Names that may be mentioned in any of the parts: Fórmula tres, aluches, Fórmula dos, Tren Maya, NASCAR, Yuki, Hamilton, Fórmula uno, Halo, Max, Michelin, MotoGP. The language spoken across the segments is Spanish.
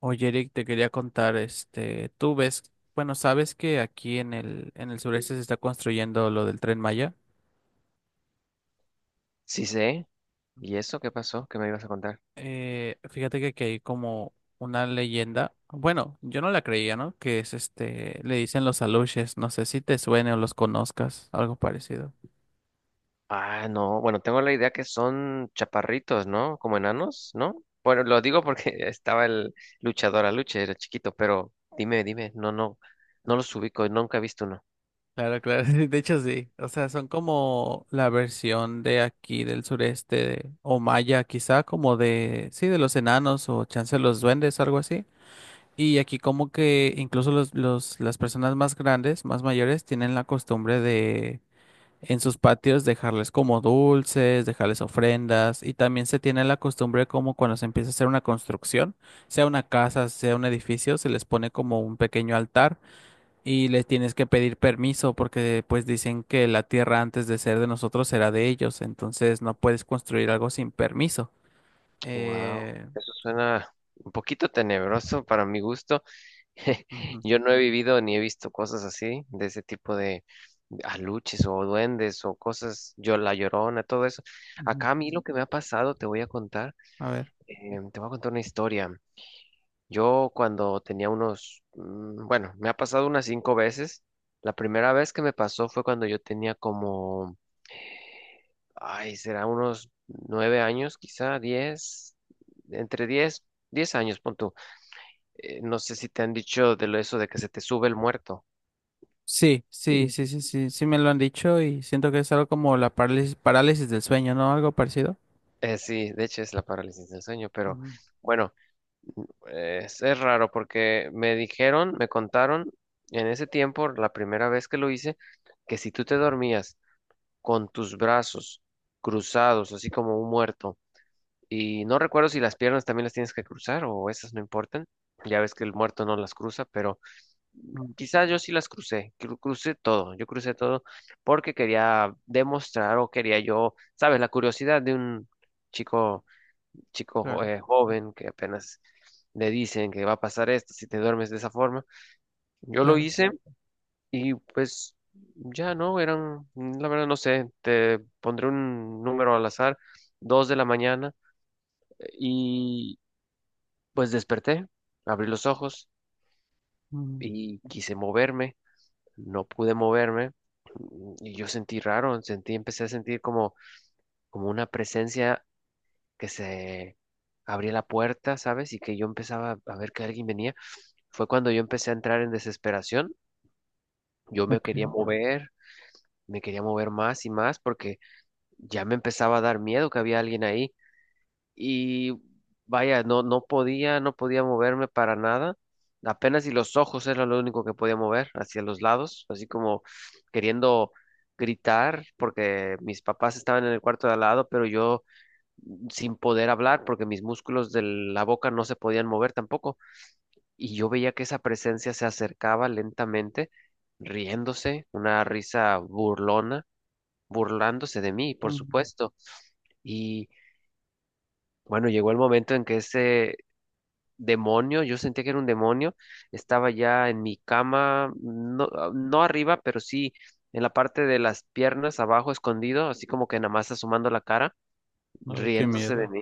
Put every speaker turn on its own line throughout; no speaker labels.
Oye, Eric, te quería contar, tú ves, bueno, sabes que aquí en el sureste se está construyendo lo del Tren Maya.
Sí sé. ¿Y eso qué pasó? ¿Qué me ibas a contar?
Fíjate que aquí hay como una leyenda, bueno, yo no la creía, ¿no? Que es le dicen los aluches, no sé si te suene o los conozcas, algo parecido.
Ah, no. Bueno, tengo la idea que son chaparritos, ¿no? Como enanos, ¿no? Bueno, lo digo porque estaba el luchador Aluche, era chiquito, pero dime. No, no. No los ubico, nunca he visto uno.
Claro, claro, de hecho sí, o sea, son como la versión de aquí del sureste, o maya, quizá como de, sí, de los enanos o chance de los duendes, algo así. Y aquí como que incluso las personas más grandes, más mayores, tienen la costumbre de en sus patios dejarles como dulces, dejarles ofrendas y también se tiene la costumbre como cuando se empieza a hacer una construcción, sea una casa, sea un edificio, se les pone como un pequeño altar y les tienes que pedir permiso porque pues dicen que la tierra antes de ser de nosotros era de ellos, entonces no puedes construir algo sin permiso.
Wow.
Eh,
Eso suena un poquito tenebroso para mi gusto.
Ujú,
Yo no he vivido ni he visto cosas así, de ese tipo de aluches o duendes o cosas, yo la llorona, todo eso.
ujú.
Acá a mí lo que me ha pasado, te voy a contar.
A ver.
Te voy a contar una historia. Yo cuando tenía unos, bueno, me ha pasado unas cinco veces. La primera vez que me pasó fue cuando yo tenía como, ay, será unos nueve años, quizá diez, entre diez, diez años, pon tú. No sé si te han dicho de lo eso de que se te sube el muerto.
Sí, sí, sí, sí, sí, sí me lo han dicho y siento que es algo como la parálisis, parálisis del sueño, ¿no? Algo parecido.
Sí, de hecho es la parálisis del sueño, pero
Ujú,
bueno, es raro porque me dijeron, me contaron en ese tiempo, la primera vez que lo hice, que si tú te dormías con tus brazos cruzados, así como un muerto. Y no recuerdo si las piernas también las tienes que cruzar o esas no importan. Ya ves que el muerto no las cruza, pero
ujú,
quizás yo sí las crucé, crucé todo, yo crucé todo porque quería demostrar o quería yo, sabes, la curiosidad de un chico,
claro,
joven que apenas le dicen que va a pasar esto si te duermes de esa forma. Yo lo
claro.
hice y pues ya no, eran, la verdad no sé, te pondré un número al azar, dos de la mañana, y pues desperté, abrí los ojos
Mm,
y quise moverme, no pude moverme, y yo sentí raro, sentí, empecé a sentir como, como una presencia que se abría la puerta, ¿sabes? Y que yo empezaba a ver que alguien venía. Fue cuando yo empecé a entrar en desesperación, yo
ok.
me quería mover más y más porque ya me empezaba a dar miedo que había alguien ahí y vaya, no, no podía moverme para nada. Apenas y los ojos era lo único que podía mover hacia los lados, así como queriendo gritar porque mis papás estaban en el cuarto de al lado, pero yo sin poder hablar porque mis músculos de la boca no se podían mover tampoco. Y yo veía que esa presencia se acercaba lentamente, riéndose, una risa burlona burlándose de mí, por
Mm,
supuesto. Y bueno, llegó el momento en que ese demonio, yo sentía que era un demonio, estaba ya en mi cama, no, ah, no arriba, pero sí en la parte de las piernas, abajo, escondido, así como que nada más asomando la cara,
ay, qué
riéndose de
miedo.
mí.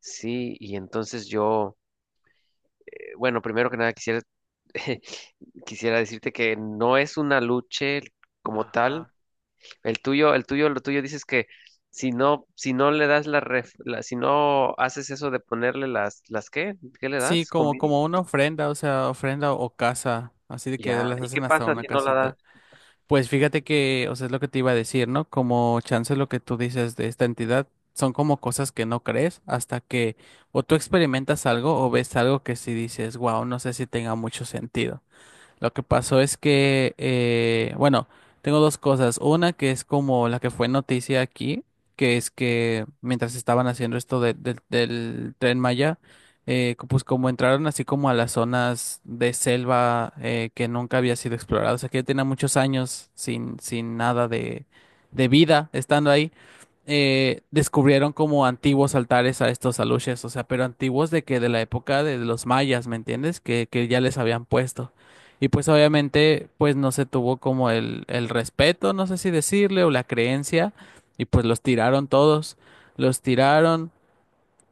Sí, y entonces yo, bueno, primero que nada quisiera, quisiera decirte que no es una lucha como tal.
Ajá.
El tuyo, lo tuyo dices que si no, si no le das la, si no haces eso de ponerle las qué, ¿qué le
Sí,
das?
como,
Comida.
como una ofrenda, o sea, ofrenda o casa, así de que
Ya.
las
¿Y qué
hacen hasta
pasa
una
si no la das?
casita. Pues fíjate que, o sea, es lo que te iba a decir, ¿no? Como chance lo que tú dices de esta entidad, son como cosas que no crees hasta que o tú experimentas algo o ves algo que sí dices, wow, no sé si tenga mucho sentido. Lo que pasó es que, bueno, tengo dos cosas. Una que es como la que fue noticia aquí, que es que mientras estaban haciendo esto del Tren Maya, pues como entraron así como a las zonas de selva que nunca había sido explorada, o sea que ya tenía muchos años sin nada de vida estando ahí descubrieron como antiguos altares a estos aluches, o sea, pero antiguos de que de la época de los mayas, ¿me entiendes? Que ya les habían puesto. Y pues obviamente pues no se tuvo como el respeto, no sé si decirle, o la creencia, y pues los tiraron todos, los tiraron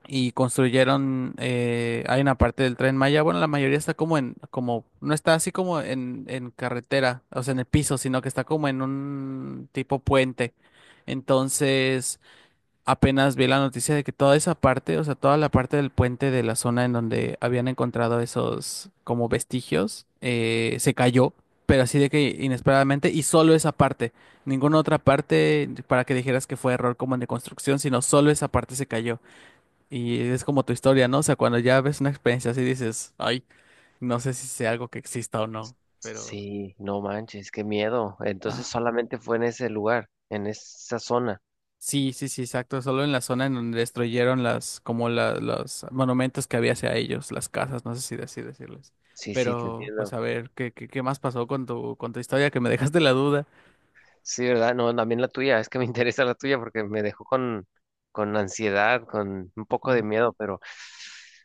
y construyeron, hay una parte del Tren Maya, bueno, la mayoría está no está así como en carretera, o sea, en el piso, sino que está como en un tipo puente. Entonces, apenas vi la noticia de que toda esa parte, o sea, toda la parte del puente de la zona en donde habían encontrado esos como vestigios, se cayó, pero así de que inesperadamente, y solo esa parte, ninguna otra parte para que dijeras que fue error como en de construcción, sino solo esa parte se cayó. Y es como tu historia, ¿no? O sea, cuando ya ves una experiencia así dices, ay, no sé si sea algo que exista o no. pero...
Sí, no manches, qué miedo. Entonces
ah.
solamente fue en ese lugar, en esa zona.
Sí, sí, sí, exacto. Solo en la zona en donde destruyeron las, como los monumentos que había hacia ellos, las casas, no sé si así decirles.
Sí, sí, te
Pero, pues
entiendo.
a ver, ¿qué más pasó con tu historia? Que me dejaste la duda.
Sí, ¿verdad? No, también la tuya, es que me interesa la tuya porque me dejó con ansiedad, con un poco
Mm,
de miedo, pero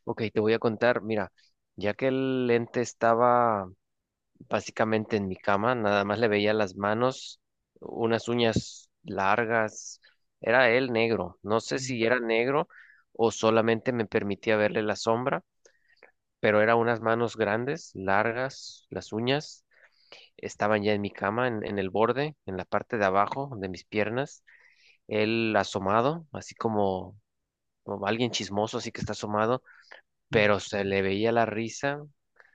ok, te voy a contar, mira, ya que el lente estaba básicamente en mi cama, nada más le veía las manos, unas uñas largas, era él negro, no sé
mm,
si era negro o solamente me permitía verle la sombra, pero eran unas manos grandes, largas, las uñas estaban ya en mi cama, en el borde, en la parte de abajo de mis piernas, él asomado, así como, como alguien chismoso, así que está asomado pero
mm.
se le veía la risa,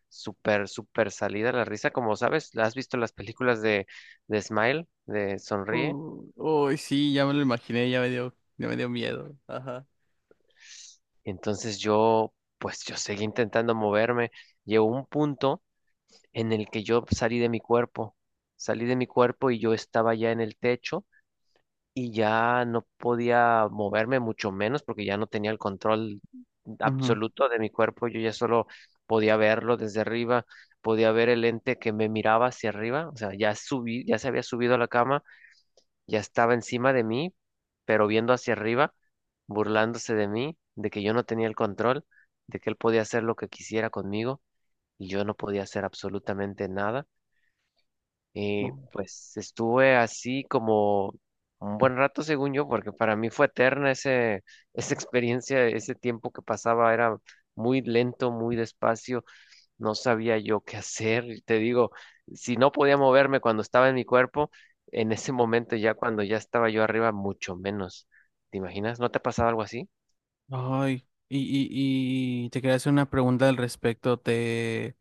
súper, súper salida la risa, como sabes, ¿has visto las películas de Smile, de Sonríe?
Uy, uy, sí, ya me lo imaginé, ya me dio miedo. Ajá.
Entonces yo, pues yo seguí intentando moverme, llegó un punto en el que yo salí de mi cuerpo, salí de mi cuerpo y yo estaba ya en el techo y ya no podía moverme mucho menos porque ya no tenía el control
Ujú.
absoluto de mi cuerpo, yo ya solo podía verlo desde arriba, podía ver el ente que me miraba hacia arriba, o sea, ya subí, ya se había subido a la cama, ya estaba encima de mí, pero viendo hacia arriba, burlándose de mí, de que yo no tenía el control, de que él podía hacer lo que quisiera conmigo y yo no podía hacer absolutamente nada. Y
Bu-
pues estuve así como un buen rato, según yo, porque para mí fue eterna ese, esa experiencia, ese tiempo que pasaba era muy lento, muy despacio, no sabía yo qué hacer. Y te digo, si no podía moverme cuando estaba en mi cuerpo, en ese momento ya cuando ya estaba yo arriba, mucho menos. ¿Te imaginas? ¿No te ha pasado algo así?
Ay, y, y te quería hacer una pregunta al respecto.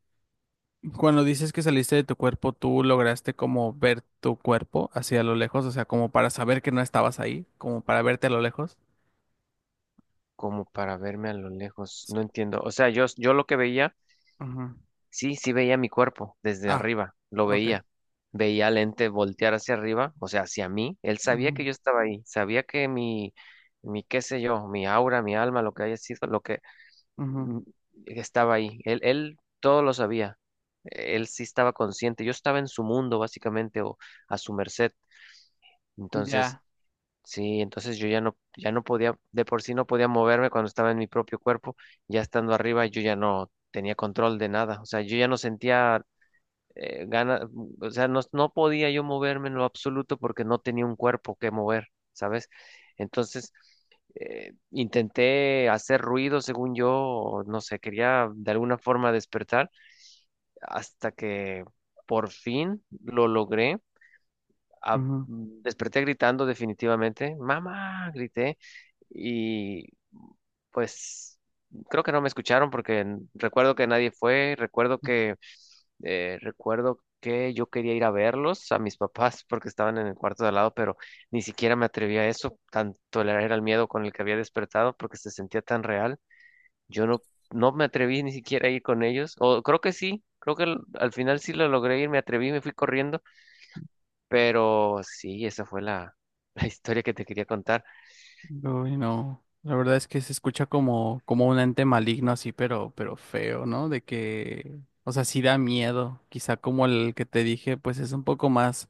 Cuando dices que saliste de tu cuerpo, ¿tú lograste como ver tu cuerpo hacia lo lejos? O sea, como para saber que no estabas ahí, como para verte a lo lejos.
Como para verme a lo lejos,
S-
no entiendo. O sea, yo lo que veía.
Ujú.
Sí, sí veía mi cuerpo desde
Ah,
arriba, lo
ok.
veía. Veía al ente voltear hacia arriba, o sea, hacia mí. Él sabía que
Ujú,
yo estaba ahí, sabía que mi qué sé yo, mi aura, mi alma, lo que haya sido, lo que
ujú.
mm, estaba ahí. Él, todo lo sabía. Él sí estaba consciente. Yo estaba en su mundo, básicamente, o a su merced. Entonces,
Ya.
sí, entonces yo ya no, ya no podía, de por sí no podía moverme cuando estaba en mi propio cuerpo. Ya estando arriba, yo ya no tenía control de nada. O sea, yo ya no sentía gana, o sea, no, no podía yo moverme en lo absoluto porque no tenía un cuerpo que mover, ¿sabes? Entonces, intenté hacer ruido, según yo, o no sé, quería de alguna forma despertar, hasta que por fin lo logré. Ah,
Ujú.
desperté gritando definitivamente, mamá, grité, y pues creo que no me escucharon porque recuerdo que nadie fue, recuerdo que yo quería ir a verlos a mis papás porque estaban en el cuarto de al lado, pero ni siquiera me atreví a eso, tanto era el miedo con el que había despertado porque se sentía tan real. Yo no, no me atreví ni siquiera a ir con ellos, o creo que sí, creo que al final sí lo logré ir, me atreví, me fui corriendo, pero sí, esa fue la, la historia que te quería contar.
Uy, no. La verdad es que se escucha como un ente maligno así, pero feo, ¿no? De que, o sea, sí da miedo. Quizá como el que te dije, pues es un poco más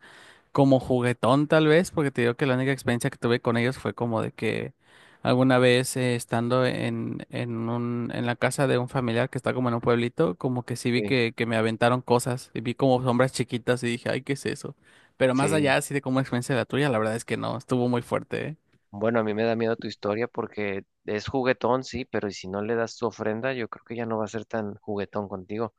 como juguetón tal vez, porque te digo que la única experiencia que tuve con ellos fue como de que alguna vez estando en la casa de un familiar que está como en un pueblito, como que sí vi
Sí,
que me aventaron cosas y vi como sombras chiquitas y dije, ay, ¿qué es eso? Pero más allá
sí.
así de como experiencia de la tuya, la verdad es que no, estuvo muy fuerte, ¿eh?
Bueno, a mí me da miedo tu historia porque es juguetón, sí, pero y si no le das tu ofrenda, yo creo que ya no va a ser tan juguetón contigo.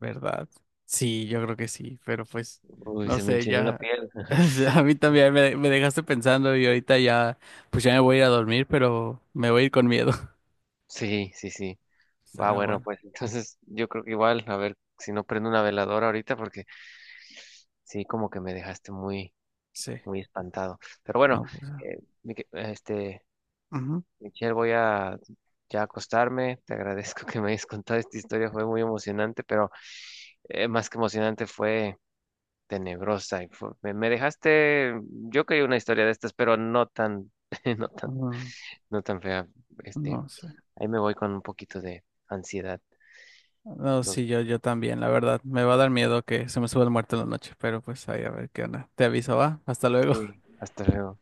¿Verdad? Sí, yo creo que sí, pero pues,
Uy,
no
se me
sé,
enchinó la
ya,
piel.
a mí también me dejaste pensando y ahorita ya, pues ya me voy a ir a dormir, pero me voy a ir con miedo.
Sí, sí, sí. Va,
Está
bueno,
bueno.
pues entonces yo creo que igual, a ver si no prendo una veladora ahorita porque sí, como que me dejaste muy,
Sí,
muy espantado. Pero bueno,
no, pues,
eh, Mique- este,
ujú,
Michelle, voy a ya acostarme. Te agradezco que me hayas contado esta historia, fue muy emocionante, pero más que emocionante fue tenebrosa. Me dejaste, yo quería una historia de estas, pero no tan, no tan,
ujú,
no tan fea. Este,
no sé.
ahí me voy con un poquito de ansiedad.
No,
Los-
sí, yo también, la verdad. Me va a dar miedo que se me suba el muerto en la noche, pero pues ahí a ver qué onda. Te aviso, va. Hasta luego.
sí, hasta luego.